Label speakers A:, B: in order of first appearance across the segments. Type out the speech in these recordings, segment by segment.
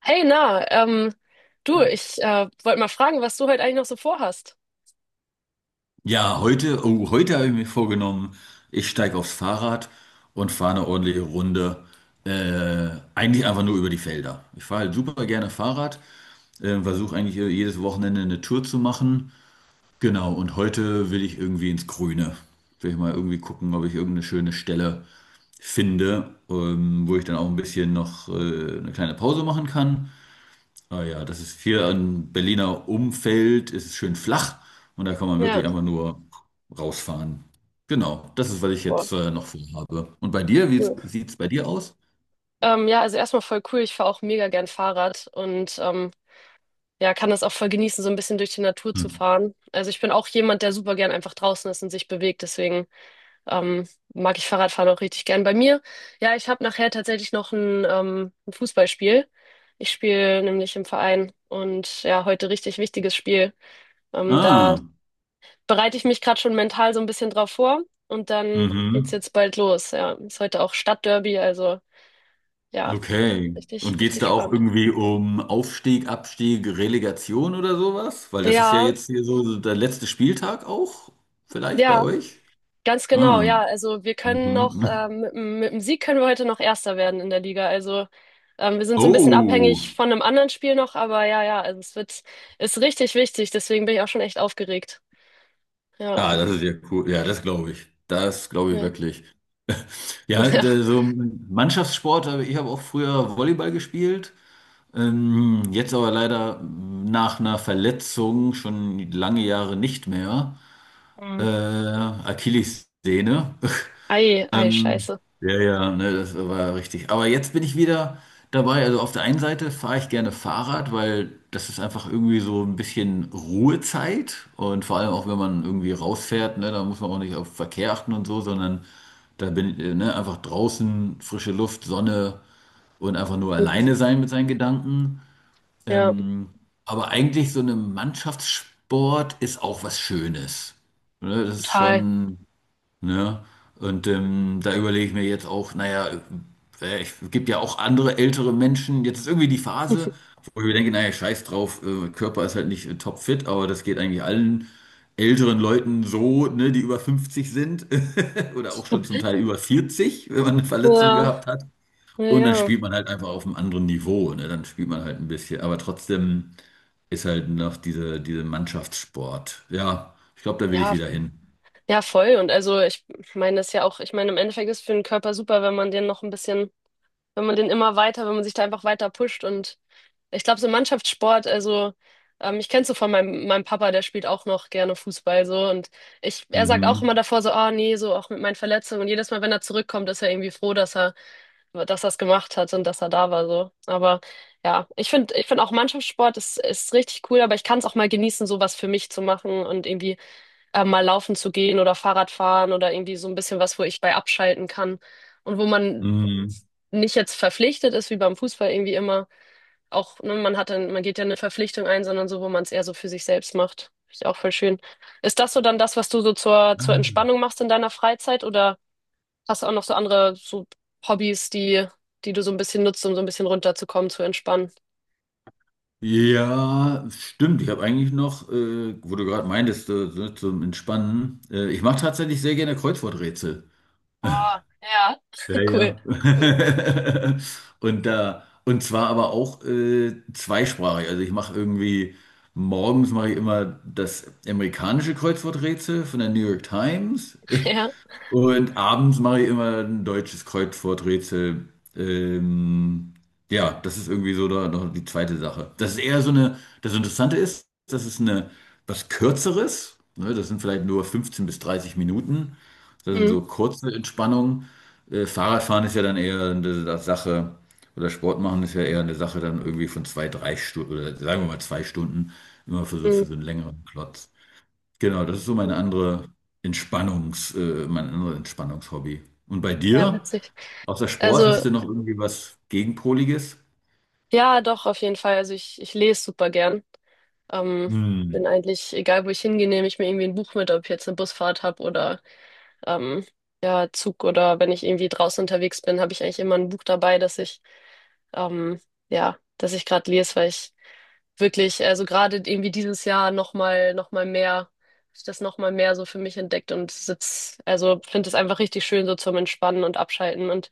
A: Hey, na, du,
B: Ah ja.
A: ich wollte mal fragen, was du heute eigentlich noch so vorhast.
B: Ja, heute, oh, heute habe ich mir vorgenommen, ich steige aufs Fahrrad und fahre eine ordentliche Runde. Äh, Eigentlich einfach nur über die Felder. Ich fahre halt super gerne Fahrrad, versuche eigentlich, jedes Wochenende eine Tour zu machen. Genau, und heute will ich irgendwie ins Grüne. Will ich mal irgendwie gucken, ob ich irgendeine schöne Stelle finde, wo ich dann auch ein bisschen noch, eine kleine Pause machen kann. Ah ja, das ist hier ein Berliner Umfeld, es ist schön flach und da kann man
A: Ja,
B: wirklich einfach nur rausfahren. Genau, das ist, was ich
A: boah,
B: jetzt noch vorhabe. Und bei dir, wie
A: cool.
B: sieht es bei dir aus?
A: Ja, also erstmal voll cool. Ich fahre auch mega gern Fahrrad und ja, kann das auch voll genießen, so ein bisschen durch die Natur zu
B: Hm.
A: fahren. Also ich bin auch jemand, der super gern einfach draußen ist und sich bewegt. Deswegen ähm, mag ich Fahrradfahren auch richtig gern. Bei mir, ja, ich habe nachher tatsächlich noch ein Fußballspiel. Ich spiele nämlich im Verein und ja, heute richtig wichtiges Spiel. Da
B: Ah,
A: bereite ich mich gerade schon mental so ein bisschen drauf vor und dann geht's
B: mhm,
A: jetzt bald los. Ja, ist heute auch Stadtderby, also ja,
B: okay. Und
A: richtig,
B: geht es
A: richtig
B: da auch
A: spannend.
B: irgendwie um Aufstieg, Abstieg, Relegation oder sowas? Weil das ist ja
A: Ja,
B: jetzt hier so so der letzte Spieltag auch, vielleicht bei
A: ja,
B: euch?
A: ganz genau,
B: Ah,
A: ja. Also wir können noch,
B: mhm.
A: mit, mit dem Sieg können wir heute noch Erster werden in der Liga. Also wir sind so ein bisschen
B: Oh,
A: abhängig von einem anderen Spiel noch, aber ja, ja, also ist richtig wichtig, deswegen bin ich auch schon echt aufgeregt. Ja,
B: ah, das ist ja cool. Ja, das glaube ich. Das glaube ich
A: ja,
B: wirklich. Ja,
A: ja.
B: der- so Mannschaftssport, aber ich habe auch früher Volleyball gespielt. Jetzt aber leider nach einer Verletzung schon lange Jahre nicht mehr.
A: Mhm.
B: Achillessehne.
A: Ei, ei,
B: Ähm,
A: scheiße.
B: ja, ja, ne, das war richtig. Aber jetzt bin ich wieder dabei. Also auf der einen Seite fahre ich gerne Fahrrad, weil das ist einfach irgendwie so ein bisschen Ruhezeit. Und vor allem auch, wenn man irgendwie rausfährt, ne, da muss man auch nicht auf Verkehr achten und so, sondern da bin ich, ne, einfach draußen, frische Luft, Sonne und einfach nur
A: Mhm.
B: alleine sein mit seinen Gedanken.
A: Ja,
B: Ähm, aber eigentlich so eine Mannschaftssport ist auch was Schönes. Ne, das ist
A: total.
B: schon. Ne? Und da überlege ich mir jetzt auch, naja, es gibt ja auch andere ältere Menschen. Jetzt ist irgendwie die Phase, wo ich mir denke, naja, scheiß drauf, Körper ist halt nicht topfit, aber das geht eigentlich allen älteren Leuten so, ne, die über 50 sind oder auch schon zum Teil über 40 wenn man eine Verletzung
A: Ja,
B: gehabt hat.
A: ja,
B: Und dann
A: ja.
B: spielt man halt einfach auf einem anderen Niveau, ne? Dann spielt man halt ein bisschen, aber trotzdem ist halt noch diese Mannschaftssport. Ja, ich glaube, da will ich
A: Ja,
B: wieder hin.
A: Ja, voll. Und also ich meine das ja auch, ich meine, im Endeffekt ist für den Körper super, wenn man den noch ein wenn man den immer wenn man sich da einfach weiter pusht. Und ich glaube, so Mannschaftssport, also ich kenn's so von meinem Papa, der spielt auch noch gerne Fußball so. Und er sagt auch
B: Mhm.
A: immer davor so, ah nee, so auch mit meinen Verletzungen. Und jedes Mal, wenn er zurückkommt, ist er irgendwie froh, dass er's gemacht hat und dass er da war. So. Aber ja, ich finde auch Mannschaftssport ist richtig cool, aber ich kann es auch mal genießen, sowas für mich zu machen und irgendwie mal laufen zu gehen oder Fahrrad fahren oder irgendwie so ein bisschen was, wo ich bei abschalten kann und wo man
B: Mhm.
A: nicht jetzt verpflichtet ist, wie beim Fußball irgendwie immer. Auch, ne, man hat man geht ja eine Verpflichtung ein, sondern so, wo man es eher so für sich selbst macht. Finde ich auch voll schön. Ist das so dann das, was du so zur
B: Ah.
A: Entspannung machst in deiner Freizeit oder hast du auch noch so andere so Hobbys, die, die du so ein bisschen nutzt, um so ein bisschen runterzukommen, zu entspannen?
B: Ja, stimmt. Ich habe eigentlich noch, wo du gerade meintest, so zum Entspannen. Ich mache tatsächlich sehr gerne Kreuzworträtsel.
A: Oh, ja.
B: Ja,
A: Cool.
B: ja. Und da, und zwar aber auch zweisprachig. Also ich mache irgendwie, morgens mache ich immer das amerikanische Kreuzworträtsel von der New York Times.
A: Ja.
B: Und abends mache ich immer ein deutsches Kreuzworträtsel. Ähm, ja, das ist irgendwie so da, noch die zweite Sache. Das ist eher so eine, das Interessante ist, das ist eine, was Kürzeres. Ne? Das sind vielleicht nur 15 bis 30 Minuten. Das sind
A: Mhm.
B: so kurze Entspannungen. Fahrradfahren ist ja dann eher eine Sa- Sache, oder Sport machen ist ja eher eine Sache dann irgendwie von zwei, drei Stunden, oder sagen wir mal zwei Stunden, immer
A: Mhm.
B: für so einen längeren Klotz. Genau, das ist so meine andere mein anderes Entspannungshobby. Und bei
A: Ja,
B: dir?
A: witzig.
B: Außer Sport
A: Also
B: hast du noch irgendwie was Gegenpoliges?
A: ja, doch, auf jeden Fall. Also ich lese super gern. Ähm, Bin
B: Hm.
A: eigentlich, egal wo ich hingehe, nehme ich mir irgendwie ein Buch mit, ob ich jetzt eine Busfahrt habe oder ähm, ja, Zug oder wenn ich irgendwie draußen unterwegs bin, habe ich eigentlich immer ein Buch dabei, dass ich ähm, ja, dass ich gerade lese, weil ich wirklich, also gerade irgendwie dieses Jahr nochmal mehr, hab ich das nochmal mehr so für mich entdeckt und sitz, also finde es einfach richtig schön so zum Entspannen und Abschalten und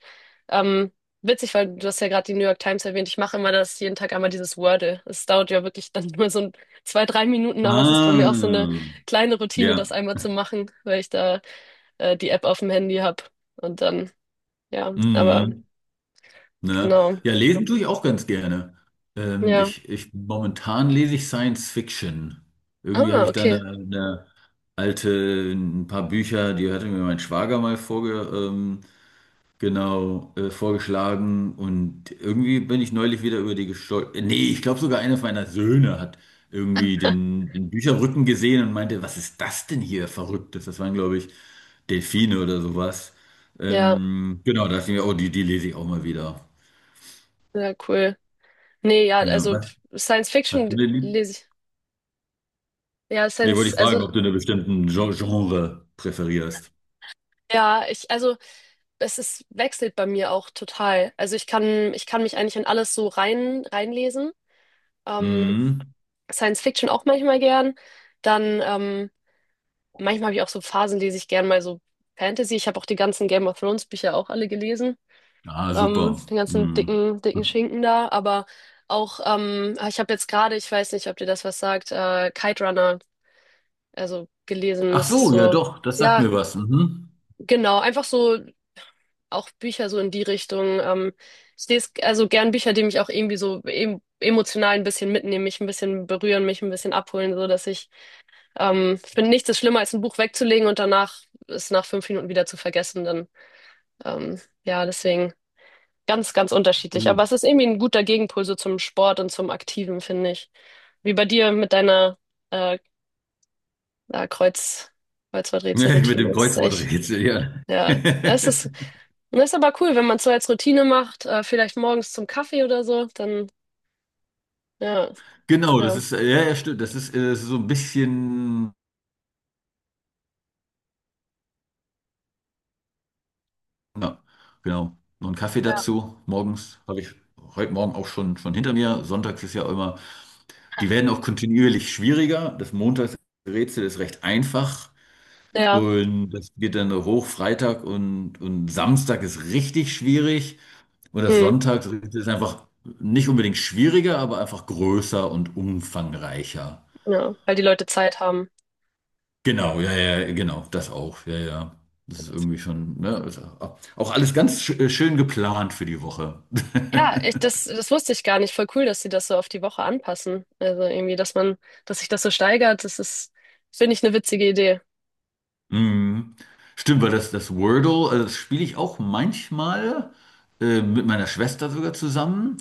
A: ähm, witzig, weil du hast ja gerade die New York Times erwähnt, ich mache immer das jeden Tag einmal dieses Wordle. Es dauert ja wirklich dann nur so ein, zwei, drei Minuten, aber es ist bei mir auch so eine
B: Ah,
A: kleine Routine,
B: ja.
A: das einmal zu machen, weil ich da die App auf dem Handy habe und dann, ja, aber
B: Mhm. Ne?
A: genau,
B: Ja, lesen tue ich auch ganz gerne.
A: ja.
B: Momentan lese ich Science Fiction. Irgendwie habe
A: Ah,
B: ich da eine,
A: okay,
B: eine alte, ein paar Bücher, die hatte mir mein Schwager mal genau, vorgeschlagen und irgendwie bin ich neulich wieder über die gestolpert. Nee, ich glaube sogar einer meiner Söhne hat irgendwie den Bücherrücken gesehen und meinte, was ist das denn hier Verrücktes? Das waren, glaube ich, Delfine oder sowas.
A: ja,
B: Genau, da dachte ich mir, oh, die, die lese ich auch mal wieder.
A: sehr cool. Nee, ja,
B: Ja,
A: also
B: was
A: Science
B: hast du
A: Fiction
B: denn lieb?
A: lese ich. Ja,
B: Nee, wollte
A: Science,
B: ich
A: also
B: fragen, ob du einen bestimmten Gen- Genre präferierst.
A: ja, also es wechselt bei mir auch total. Also ich ich kann mich eigentlich in alles so reinlesen. Ähm,
B: Mhm.
A: Science Fiction auch manchmal gern. Dann manchmal habe ich auch so Phasen, lese ich gern mal so Fantasy. Ich habe auch die ganzen Game of Thrones Bücher auch alle gelesen.
B: Ah, super.
A: Den ganzen
B: Mhm.
A: dicken, dicken Schinken da. Aber auch, ah, ich habe jetzt gerade, ich weiß nicht, ob dir das was sagt, Kite Runner, also gelesen.
B: Ach
A: Das ist
B: so, ja
A: so.
B: doch, das sagt
A: Ja,
B: mir was. Mhm.
A: genau, einfach so auch Bücher so in die Richtung. Ich lese also gern Bücher, die mich auch irgendwie so emotional ein bisschen mitnehmen, mich ein bisschen berühren, mich ein bisschen abholen, so dass ich, ich finde nichts ist schlimmer als ein Buch wegzulegen und danach es nach fünf Minuten wieder zu vergessen. Dann, ja, deswegen ganz unterschiedlich.
B: Oh.
A: Aber es ist irgendwie ein guter Gegenpol so zum Sport und zum Aktiven, finde ich. Wie bei dir mit deiner äh, äh, Kreuz,
B: Mit
A: Kreuzworträtselroutine.
B: dem
A: Das ist echt
B: Kreuzworträtsel, ja.
A: ja, das das ist aber cool, wenn man es so als Routine macht, vielleicht morgens zum Kaffee oder so, dann, ja,
B: Genau, das
A: oder,
B: ist, ja, ja, stimmt. Das ist so ein bisschen, ja, genau. Noch einen Kaffee
A: ja,
B: dazu. Morgens habe ich heute Morgen auch schon hinter mir. Sonntags ist ja immer, die werden auch kontinuierlich schwieriger. Das Montagsrätsel ist recht einfach.
A: ja,
B: Und das geht dann hoch. Freitag und Samstag ist richtig schwierig. Und das
A: hm,
B: Sonntagsrätsel ist einfach nicht unbedingt schwieriger, aber einfach größer und umfangreicher.
A: ja, weil die Leute Zeit haben.
B: Genau, ja, ja, genau, das auch, ja, ja. Das ist irgendwie schon, ne, ist auch auch alles ganz schön geplant für die Woche.
A: Ja, das wusste ich gar nicht. Voll cool, dass sie das so auf die Woche anpassen. Also irgendwie, dass sich das so steigert, das ist, finde ich, eine witzige Idee.
B: Mhm. Stimmt, weil das Wordle, also das spiele ich auch manchmal mit meiner Schwester sogar zusammen.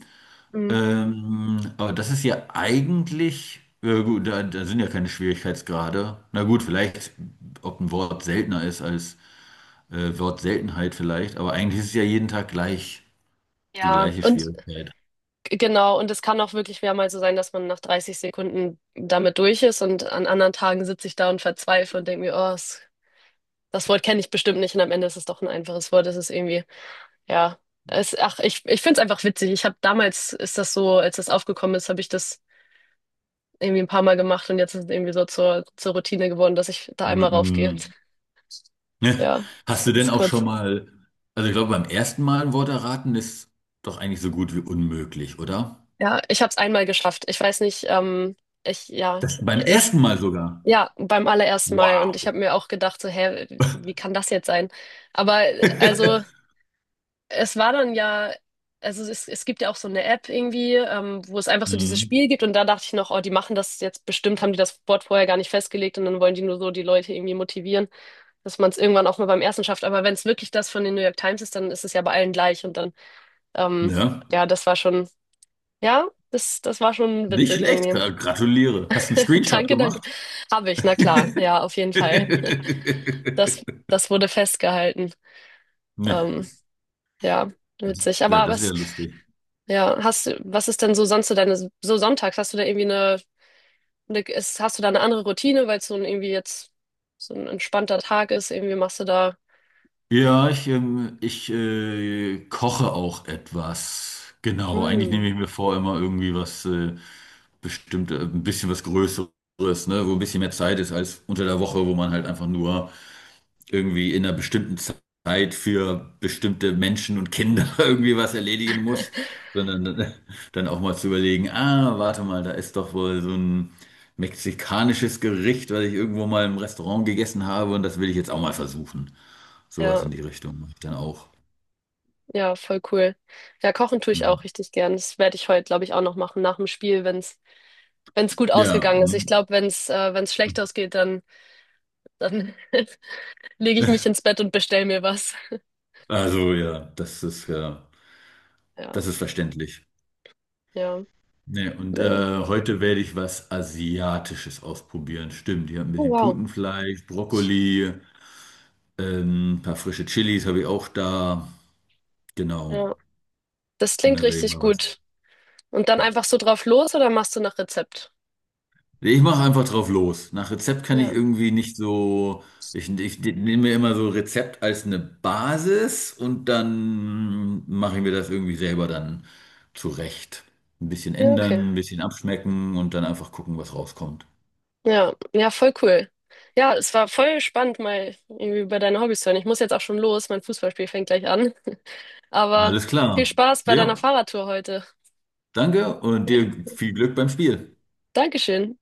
A: Mhm.
B: Aber das ist ja eigentlich, ja gut, da sind ja keine Schwierigkeitsgrade. Na gut, vielleicht, ob ein Wort seltener ist als Wortseltenheit vielleicht, aber eigentlich ist es ja jeden Tag gleich, die
A: Ja,
B: gleiche
A: und
B: Schwierigkeit.
A: genau, und es kann auch wirklich mehrmals so sein, dass man nach 30 Sekunden damit durch ist und an anderen Tagen sitze ich da und verzweifle und denke mir, oh, es das Wort kenne ich bestimmt nicht und am Ende ist es doch ein einfaches Wort. Es ist irgendwie, ja. Es, ach, ich finde es einfach witzig. Ich habe damals, ist das so, als das aufgekommen ist, habe ich das irgendwie ein paar Mal gemacht und jetzt ist es irgendwie so zur Routine geworden, dass ich da einmal raufgehe.
B: Mhm.
A: Und, ja, das
B: Hast du denn
A: ist
B: auch schon
A: kurz.
B: mal, also ich glaube, beim ersten Mal ein Wort erraten ist doch eigentlich so gut wie unmöglich, oder?
A: Ja, ich habe es einmal geschafft. Ich weiß nicht, ja,
B: Das beim
A: ich,
B: ersten Mal sogar.
A: ja, beim allerersten Mal und ich
B: Wow.
A: habe mir auch gedacht, so, hä, wie kann das jetzt sein? Aber also. Es war dann ja, also es gibt ja auch so eine App irgendwie, wo es einfach so dieses
B: Mhm.
A: Spiel gibt und da dachte ich noch, oh, die machen das jetzt bestimmt, haben die das Board vorher gar nicht festgelegt und dann wollen die nur so die Leute irgendwie motivieren, dass man es irgendwann auch mal beim ersten schafft. Aber wenn es wirklich das von den New York Times ist, dann ist es ja bei allen gleich und dann, ähm,
B: Ja,
A: ja, das war schon, ja, das war schon
B: nicht
A: witzig
B: schlecht,
A: irgendwie.
B: gra- gratuliere. Hast einen Screenshot
A: Danke, danke.
B: gemacht?
A: Habe ich, na klar, ja, auf jeden Fall. Das wurde festgehalten.
B: Ne,
A: Ähm, ja,
B: das,
A: witzig.
B: ja,
A: Aber
B: das ist ja
A: was
B: lustig.
A: ja, hast du, was ist denn so sonst so so sonntags, hast du da irgendwie hast du da eine andere Routine, weil es so ein irgendwie jetzt so ein entspannter Tag ist, irgendwie machst du da,
B: Ja, ich koche auch etwas. Genau, eigentlich
A: hm,
B: nehme ich mir vor, immer irgendwie was bestimmt, ein bisschen was Größeres, ne, wo ein bisschen mehr Zeit ist als unter der Woche, wo man halt einfach nur irgendwie in einer bestimmten Zeit für bestimmte Menschen und Kinder irgendwie was erledigen muss, sondern dann auch mal zu überlegen, ah, warte mal, da ist doch wohl so ein mexikanisches Gericht, was ich irgendwo mal im Restaurant gegessen habe und das will ich jetzt auch mal versuchen. Sowas
A: ja,
B: in die Richtung mache ich dann auch.
A: ja, voll cool. Ja, kochen tue ich auch
B: Mhm.
A: richtig gern. Das werde ich heute, glaube ich, auch noch machen, nach dem Spiel, wenn's gut
B: Ja.
A: ausgegangen ist. Ich
B: Mhm.
A: glaube, wenn's, wenn's schlecht ausgeht, dann lege ich mich ins Bett und bestell mir was.
B: Also ja,
A: Ja,
B: das ist verständlich.
A: ja,
B: Nee, und
A: nee.
B: heute werde ich was Asiatisches ausprobieren. Stimmt, ich habe ein
A: Oh,
B: bisschen
A: wow.
B: Putenfleisch, Brokkoli, ein paar frische Chilis habe ich auch da. Genau.
A: Ja, das
B: Und
A: klingt
B: dann werde ich
A: richtig
B: mal was.
A: gut. Und dann einfach so drauf los oder machst du nach Rezept?
B: Nee, ich mache einfach drauf los. Nach Rezept kann ich
A: Ja.
B: irgendwie nicht so. Ich nehme mir immer so Rezept als eine Basis und dann mache ich mir das irgendwie selber dann zurecht. Ein bisschen
A: Ja, okay.
B: ändern, ein bisschen abschmecken und dann einfach gucken, was rauskommt.
A: Ja, ja, voll cool. Ja, es war voll spannend, mal irgendwie über deine Hobbys zu hören. Ich muss jetzt auch schon los, mein Fußballspiel fängt gleich an. Aber
B: Alles
A: viel
B: klar.
A: Spaß bei deiner
B: Ja,
A: Fahrradtour heute.
B: danke und
A: Ja,
B: dir viel Glück beim Spiel.
A: Dankeschön.